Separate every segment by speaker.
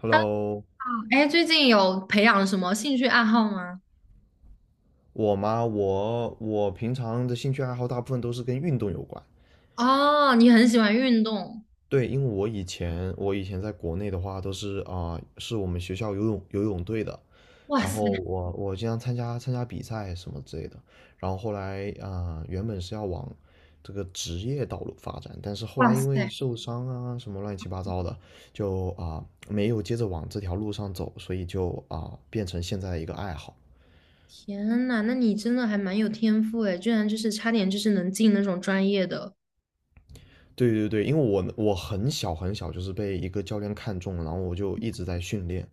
Speaker 1: Hello，
Speaker 2: Hello，哎，最近有培养什么兴趣爱好吗？
Speaker 1: 我吗？我平常的兴趣爱好大部分都是跟运动有关。
Speaker 2: 哦，你很喜欢运动。
Speaker 1: 对，因为我以前在国内的话都是啊、是我们学校游泳队的，
Speaker 2: 哇
Speaker 1: 然
Speaker 2: 塞。
Speaker 1: 后我经常参加比赛什么之类的。然后后来原本是要往这个职业道路发展，但是后
Speaker 2: 哇
Speaker 1: 来因为
Speaker 2: 塞，
Speaker 1: 受伤啊什么乱七八糟的，就没有接着往这条路上走，所以就变成现在一个爱好。
Speaker 2: 天呐，那你真的还蛮有天赋哎，居然就是差点就是能进那种专业的。
Speaker 1: 对对对，因为我很小很小就是被一个教练看中了，然后我就一直在训练。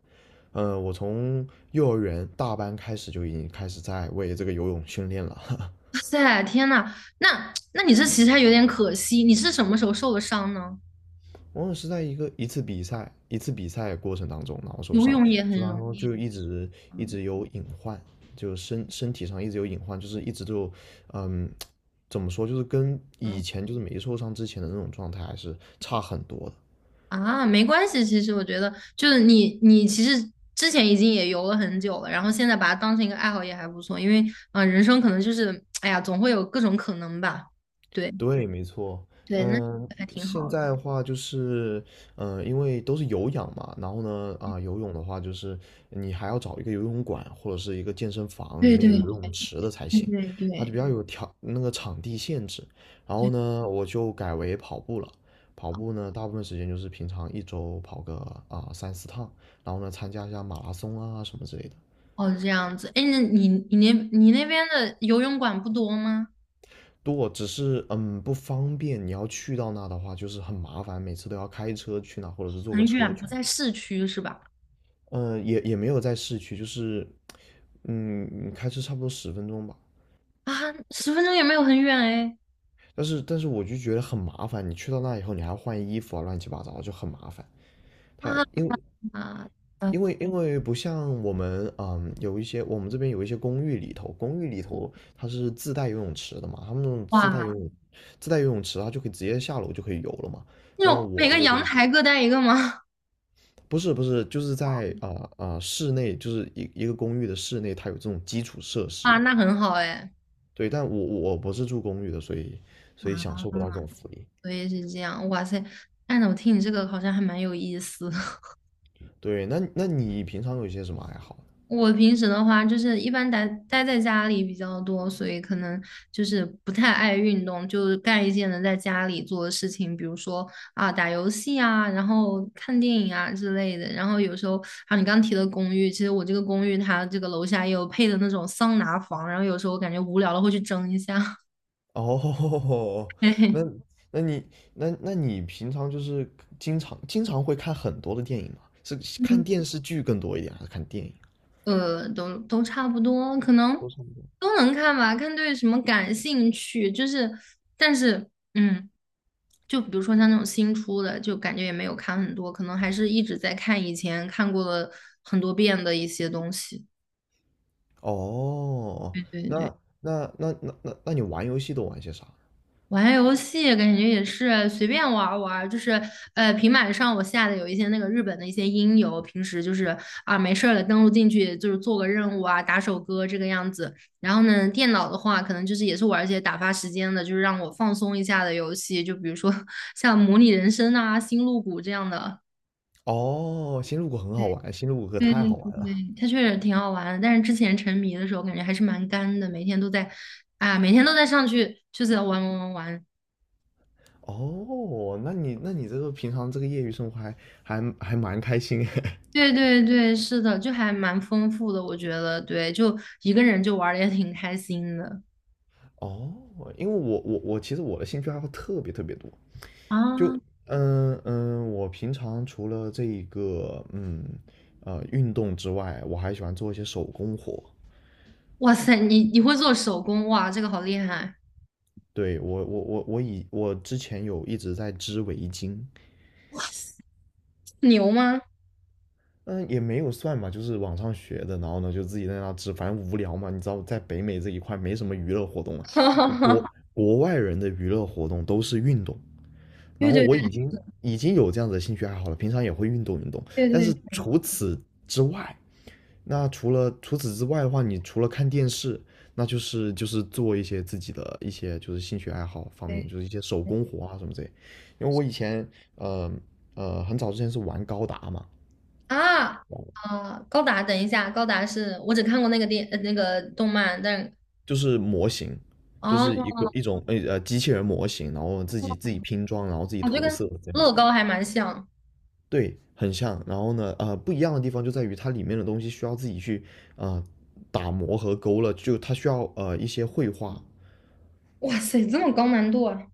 Speaker 1: 我从幼儿园大班开始就已经开始在为这个游泳训练了。
Speaker 2: 哇塞，天呐，那你这其实还有点可惜，你是什么时候受的伤呢？
Speaker 1: 我是在一次比赛过程当中，然后受
Speaker 2: 游
Speaker 1: 伤，
Speaker 2: 泳也
Speaker 1: 受
Speaker 2: 很
Speaker 1: 伤
Speaker 2: 容
Speaker 1: 后
Speaker 2: 易。
Speaker 1: 就一直一
Speaker 2: 嗯。
Speaker 1: 直有隐患，就身体上一直有隐患，就是一直就嗯怎么说，就是跟以
Speaker 2: 嗯
Speaker 1: 前就是没受伤之前的那种状态还是差很多的。
Speaker 2: 啊，没关系。其实我觉得，就是你，你其实之前已经也游了很久了，然后现在把它当成一个爱好也还不错。因为，嗯、人生可能就是，哎呀，总会有各种可能吧。对。
Speaker 1: 对，没错。
Speaker 2: 对，那
Speaker 1: 嗯，
Speaker 2: 还挺
Speaker 1: 现
Speaker 2: 好的。
Speaker 1: 在的话就是，因为都是有氧嘛，然后呢，游泳的话就是你还要找一个游泳馆或者是一个健身房，里
Speaker 2: 对
Speaker 1: 面有
Speaker 2: 对
Speaker 1: 游泳池的才
Speaker 2: 对
Speaker 1: 行，
Speaker 2: 对
Speaker 1: 它就比
Speaker 2: 对
Speaker 1: 较有条那个场地限制。然后
Speaker 2: 对。
Speaker 1: 呢，我就改为跑步了。跑步呢，大部分时间就是平常一周跑个三四趟，然后呢，参加一下马拉松啊什么之类的。
Speaker 2: 哦，这样子。哎，那你那边的游泳馆不多吗？
Speaker 1: 多，只是不方便。你要去到那的话，就是很麻烦，每次都要开车去那，或者是坐个
Speaker 2: 很远，
Speaker 1: 车
Speaker 2: 不
Speaker 1: 去那。
Speaker 2: 在市区是吧？
Speaker 1: 嗯，也没有在市区，就是开车差不多10分钟吧。
Speaker 2: 啊，十分钟也没有很远哎。
Speaker 1: 但是我就觉得很麻烦，你去到那以后，你还要换衣服啊，乱七八糟就很麻烦。
Speaker 2: 啊。
Speaker 1: 它因为
Speaker 2: 啊，
Speaker 1: 因为因为不像我们有一些我们这边有一些公寓里头，公寓里头它是自带游泳池的嘛，他们那种自带
Speaker 2: 哇，
Speaker 1: 游泳自带游泳池，它就可以直接下楼就可以游了嘛。
Speaker 2: 那
Speaker 1: 那
Speaker 2: 种
Speaker 1: 我
Speaker 2: 每
Speaker 1: 这
Speaker 2: 个
Speaker 1: 个就
Speaker 2: 阳
Speaker 1: 不行。
Speaker 2: 台各带一个吗？
Speaker 1: 不是不是，就是在室内，就是一个公寓的室内，它有这种基础设
Speaker 2: 啊，
Speaker 1: 施。
Speaker 2: 那很好哎。
Speaker 1: 对，但我不是住公寓的，所以享
Speaker 2: 啊，
Speaker 1: 受不到这种福利。
Speaker 2: 所以是这样，哇塞！按照我听你这个好像还蛮有意思。
Speaker 1: 对，那你平常有一些什么爱好？
Speaker 2: 我平时的话，就是一般待在家里比较多，所以可能就是不太爱运动，就是干一些能在家里做的事情，比如说啊打游戏啊，然后看电影啊之类的。然后有时候啊，你刚提的公寓，其实我这个公寓它这个楼下也有配的那种桑拿房，然后有时候我感觉无聊了会去蒸一下。
Speaker 1: 哦，
Speaker 2: 嘿
Speaker 1: 那
Speaker 2: 嘿。
Speaker 1: 那你那你平常就是经常会看很多的电影吗？是看
Speaker 2: 嗯。
Speaker 1: 电视剧更多一点，还是看电影？
Speaker 2: 都差不多，可能
Speaker 1: 都是。
Speaker 2: 都能看吧，看对什么感兴趣。就是，但是，嗯，就比如说像那种新出的，就感觉也没有看很多，可能还是一直在看以前看过了很多遍的一些东西。
Speaker 1: 哦，
Speaker 2: 对对
Speaker 1: 那
Speaker 2: 对。
Speaker 1: 那你玩游戏都玩些啥？
Speaker 2: 玩游戏感觉也是随便玩儿就是平板上我下的有一些那个日本的一些音游，平时就是啊没事儿了登录进去就是做个任务啊，打首歌这个样子。然后呢，电脑的话可能就是也是玩一些打发时间的，就是让我放松一下的游戏，就比如说 像模拟人生啊、星露谷这样的。
Speaker 1: 哦，星露谷很好玩，星露谷可
Speaker 2: 对
Speaker 1: 太
Speaker 2: 对
Speaker 1: 好
Speaker 2: 对
Speaker 1: 玩了。
Speaker 2: 对，它确实挺好玩的，但是之前沉迷的时候感觉还是蛮干的，每天都在啊，每天都在上去就是玩玩玩玩。
Speaker 1: 哦，那你这个平常这个业余生活还蛮开心哎。
Speaker 2: 对对对，是的，就还蛮丰富的，我觉得，对，就一个人就玩的也挺开心的。
Speaker 1: 哦，因为我其实我的兴趣爱好特别特别多，就
Speaker 2: 啊！
Speaker 1: 我平常除了这一个运动之外，我还喜欢做一些手工活。
Speaker 2: 哇塞，你你会做手工，哇，这个好厉害。
Speaker 1: 对，我之前有一直在织围巾，
Speaker 2: 牛吗？
Speaker 1: 嗯，也没有算吧，就是网上学的，然后呢就自己在那织，反正无聊嘛，你知道，在北美这一块没什么娱乐活动了，
Speaker 2: 哈
Speaker 1: 国
Speaker 2: 哈。
Speaker 1: 国外人的娱乐活动都是运动，然
Speaker 2: 对
Speaker 1: 后
Speaker 2: 对
Speaker 1: 我已经有这样子的兴趣爱好了，平常也会运动运动，
Speaker 2: 对
Speaker 1: 但是
Speaker 2: 对对
Speaker 1: 除此之外，那除了除此之外的话，你除了看电视，那就是做一些自己的一些就是兴趣爱好方面，就是
Speaker 2: 对。
Speaker 1: 一些手工活啊什么之类，因为我以前呃很早之前是玩高达嘛。
Speaker 2: 啊。啊！高达，等一下，高达是我只看过那个那个动漫，但
Speaker 1: 就是模型，就
Speaker 2: 哦，
Speaker 1: 是一种机器人模型，然后自己拼装，然后自己
Speaker 2: 啊就
Speaker 1: 涂
Speaker 2: 跟
Speaker 1: 色这样
Speaker 2: 乐
Speaker 1: 子。
Speaker 2: 高还蛮像。
Speaker 1: 对，很像。然后呢，不一样的地方就在于它里面的东西需要自己去啊、呃打磨和勾勒，就它需要一些绘画。
Speaker 2: 哇塞，这么高难度啊！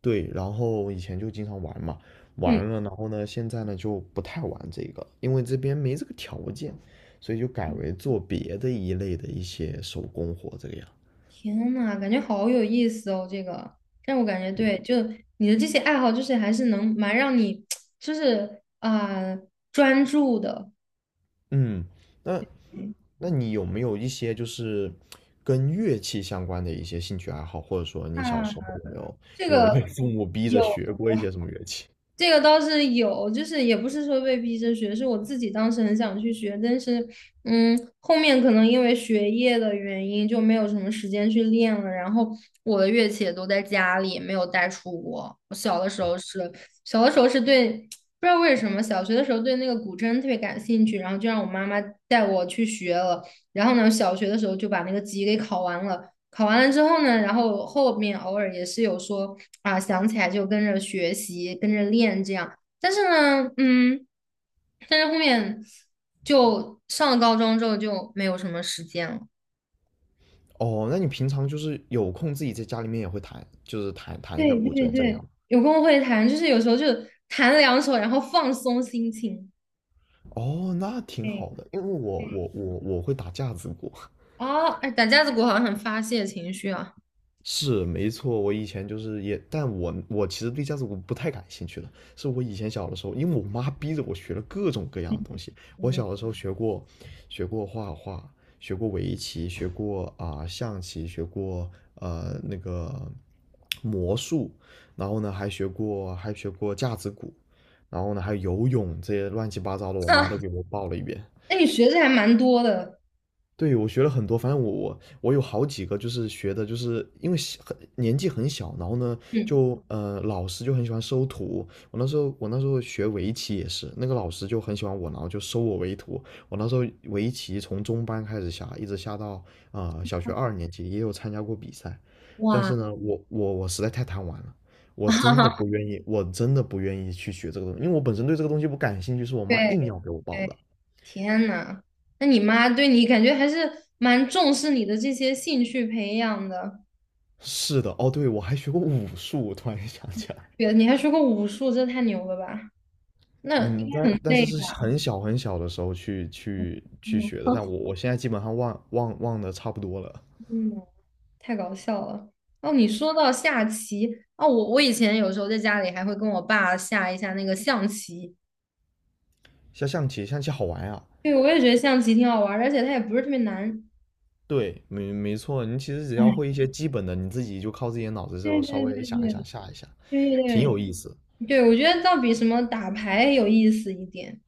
Speaker 1: 对，然后以前就经常玩嘛，玩
Speaker 2: 嗯。
Speaker 1: 了，然后呢，现在呢就不太玩这个，因为这边没这个条件，所以就改为做别的一类的一些手工活这个样。
Speaker 2: 天呐，感觉好有意思哦，这个。但我感觉对，就你的这些爱好，就是还是能蛮让你，就是啊、专注的。
Speaker 1: 嗯，那
Speaker 2: 嗯。
Speaker 1: 那你有没有一些就是跟乐器相关的一些兴趣爱好，或者说
Speaker 2: 啊，
Speaker 1: 你小时候有没有
Speaker 2: 这
Speaker 1: 有没有被
Speaker 2: 个
Speaker 1: 父母逼着
Speaker 2: 有。
Speaker 1: 学过一些什么乐器？
Speaker 2: 这个倒是有，就是也不是说被逼着学，是我自己当时很想去学，但是，嗯，后面可能因为学业的原因就没有什么时间去练了。然后我的乐器也都在家里，没有带出国。我小的时
Speaker 1: 哦，
Speaker 2: 候是，小的时候是对，不知道为什么，小学的时候对那个古筝特别感兴趣，然后就让我妈妈带我去学了。然后呢，小学的时候就把那个级给考完了。考完了之后呢，然后后面偶尔也是有说啊，想起来就跟着学习，跟着练这样。但是呢，嗯，但是后面就上了高中之后就没有什么时间了。
Speaker 1: 哦那你平常就是有空自己在家里面也会弹，就是弹弹一下
Speaker 2: 对
Speaker 1: 古
Speaker 2: 对
Speaker 1: 筝这
Speaker 2: 对，
Speaker 1: 样。
Speaker 2: 有空会弹，就是有时候就弹两首，然后放松心情。
Speaker 1: 哦，那挺
Speaker 2: 对，
Speaker 1: 好的，因为我会打架子鼓。
Speaker 2: 哦，哎，打架子鼓好像很发泄情绪啊。
Speaker 1: 是没错，我以前就是也，但我其实对架子鼓不太感兴趣了。是我以前小的时候，因为我妈逼着我学了各种各样的东西。我小的时候学过，学过画画，学过围棋，学过象棋，学过呃那个魔术，然后呢还学过架子鼓，然后呢还有游泳这些乱七八糟的，我 妈
Speaker 2: 哈，
Speaker 1: 都给我报了一遍。
Speaker 2: 哎，你学的还蛮多的。
Speaker 1: 对，我学了很多，反正我有好几个，就是学的，就是因为小很年纪很小，然后呢，
Speaker 2: 嗯。
Speaker 1: 就老师就很喜欢收徒。我那时候学围棋也是，那个老师就很喜欢我，然后就收我为徒。我那时候围棋从中班开始下，一直下到小学二年级，也有参加过比赛。但
Speaker 2: 哇。
Speaker 1: 是呢，我实在太贪玩了，我
Speaker 2: 哈
Speaker 1: 真的
Speaker 2: 哈。
Speaker 1: 不愿意，我真的不愿意去学这个东西，因为我本身对这个东西不感兴趣，是我妈
Speaker 2: 对
Speaker 1: 硬要给我报
Speaker 2: 对。
Speaker 1: 的。
Speaker 2: 天呐，那你妈对你感觉还是蛮重视你的这些兴趣培养的。
Speaker 1: 是的，哦，对，我还学过武术，我突然想起来。
Speaker 2: 对，你还学过武术，这太牛了吧？那应
Speaker 1: 嗯，
Speaker 2: 该
Speaker 1: 但
Speaker 2: 很
Speaker 1: 但
Speaker 2: 累
Speaker 1: 是是
Speaker 2: 吧？
Speaker 1: 很小很小的时候去
Speaker 2: 嗯。
Speaker 1: 学的，但我现在基本上忘的差不多了。
Speaker 2: 嗯，太搞笑了。哦，你说到下棋。哦，我我以前有时候在家里还会跟我爸下一下那个象棋。
Speaker 1: 下象棋，象棋好玩呀、
Speaker 2: 对，我也觉得象棋挺好玩儿，而且它也不是特别难。
Speaker 1: 对，没错，你其实只要会
Speaker 2: 哎。
Speaker 1: 一些基本的，你自己就靠自己的脑子
Speaker 2: 对
Speaker 1: 就稍
Speaker 2: 对
Speaker 1: 微
Speaker 2: 对
Speaker 1: 想一想
Speaker 2: 对
Speaker 1: 下一下，
Speaker 2: 对
Speaker 1: 挺
Speaker 2: 对
Speaker 1: 有意思。
Speaker 2: 对，我觉得倒比什么打牌有意思一点。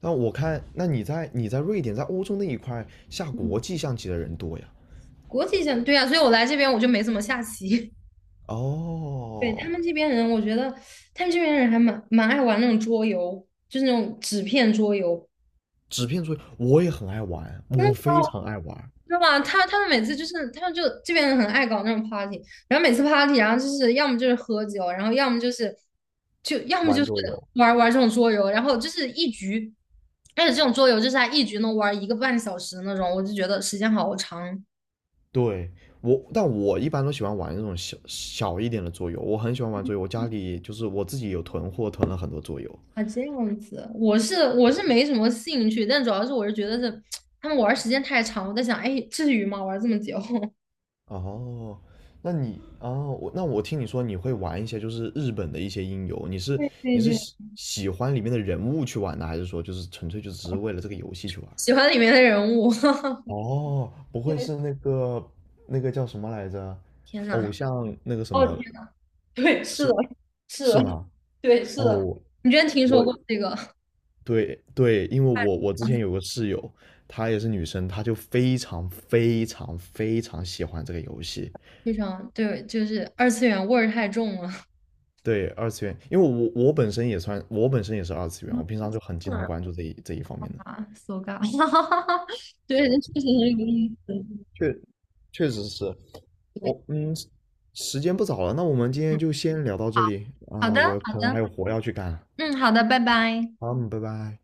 Speaker 1: 但我看，那你在瑞典，在欧洲那一块下国际象棋的人多呀？
Speaker 2: 国际象，对啊，所以我来这边我就没怎么下棋。对，他
Speaker 1: 哦，
Speaker 2: 们这边人，我觉得他们这边人还蛮爱玩那种桌游，就是那种纸片桌游，
Speaker 1: 纸片桌游我也很爱玩，我非常爱玩
Speaker 2: 知道吧？他们每次就是他们就这边人很爱搞那种 party，然后每次 party，然后就是要么就是喝酒，然后要么就是就要么
Speaker 1: 玩
Speaker 2: 就是
Speaker 1: 桌游。
Speaker 2: 玩这种桌游，然后就是一局，而且这种桌游就是他一局能玩一个半小时的那种，我就觉得时间好长。
Speaker 1: 对，但我一般都喜欢玩那种小小一点的桌游，我很喜欢玩桌游，我家里就是我自己有囤货，囤了很多桌游。
Speaker 2: 啊，这样子。我是没什么兴趣，但主要是我是觉得是 他们玩儿时间太长，我在想，哎，至于吗？玩儿这么久？
Speaker 1: 哦，那你哦，我那我听你说你会玩一些就是日本的一些音游，你是
Speaker 2: 对
Speaker 1: 你是
Speaker 2: 对。
Speaker 1: 喜欢里面的人物去玩呢，还是说就是纯粹就只是为了这个游戏去玩？
Speaker 2: 喜欢里面的人物。
Speaker 1: 哦，不会
Speaker 2: 对，
Speaker 1: 是那个叫什么来着？
Speaker 2: 天呐，
Speaker 1: 偶像那个什
Speaker 2: 哦天，
Speaker 1: 么
Speaker 2: 对，是
Speaker 1: 是
Speaker 2: 的，是
Speaker 1: 是
Speaker 2: 的，
Speaker 1: 吗？
Speaker 2: 对，是的。
Speaker 1: 哦，
Speaker 2: 你之前听说
Speaker 1: 我
Speaker 2: 过这个？
Speaker 1: 对对，因为我之前有个室友，她也是女生，她就非常非常非常喜欢这个游戏。
Speaker 2: 非常对，就是二次元味儿太重了。
Speaker 1: 对，二次元，因为我本身也算，我本身也是二次元，
Speaker 2: 嗯。
Speaker 1: 我平常就很经常关 注这一方面的。
Speaker 2: 啊，so ga，对，这确实很有意思。
Speaker 1: 确确实是，
Speaker 2: 对，
Speaker 1: 我嗯，时间不早了，那我们今天就先聊到这里
Speaker 2: 好
Speaker 1: 啊，
Speaker 2: 的，
Speaker 1: 我
Speaker 2: 好
Speaker 1: 可能还
Speaker 2: 的，
Speaker 1: 有活要去干。
Speaker 2: 嗯，好的，拜拜。
Speaker 1: 好，嗯拜拜。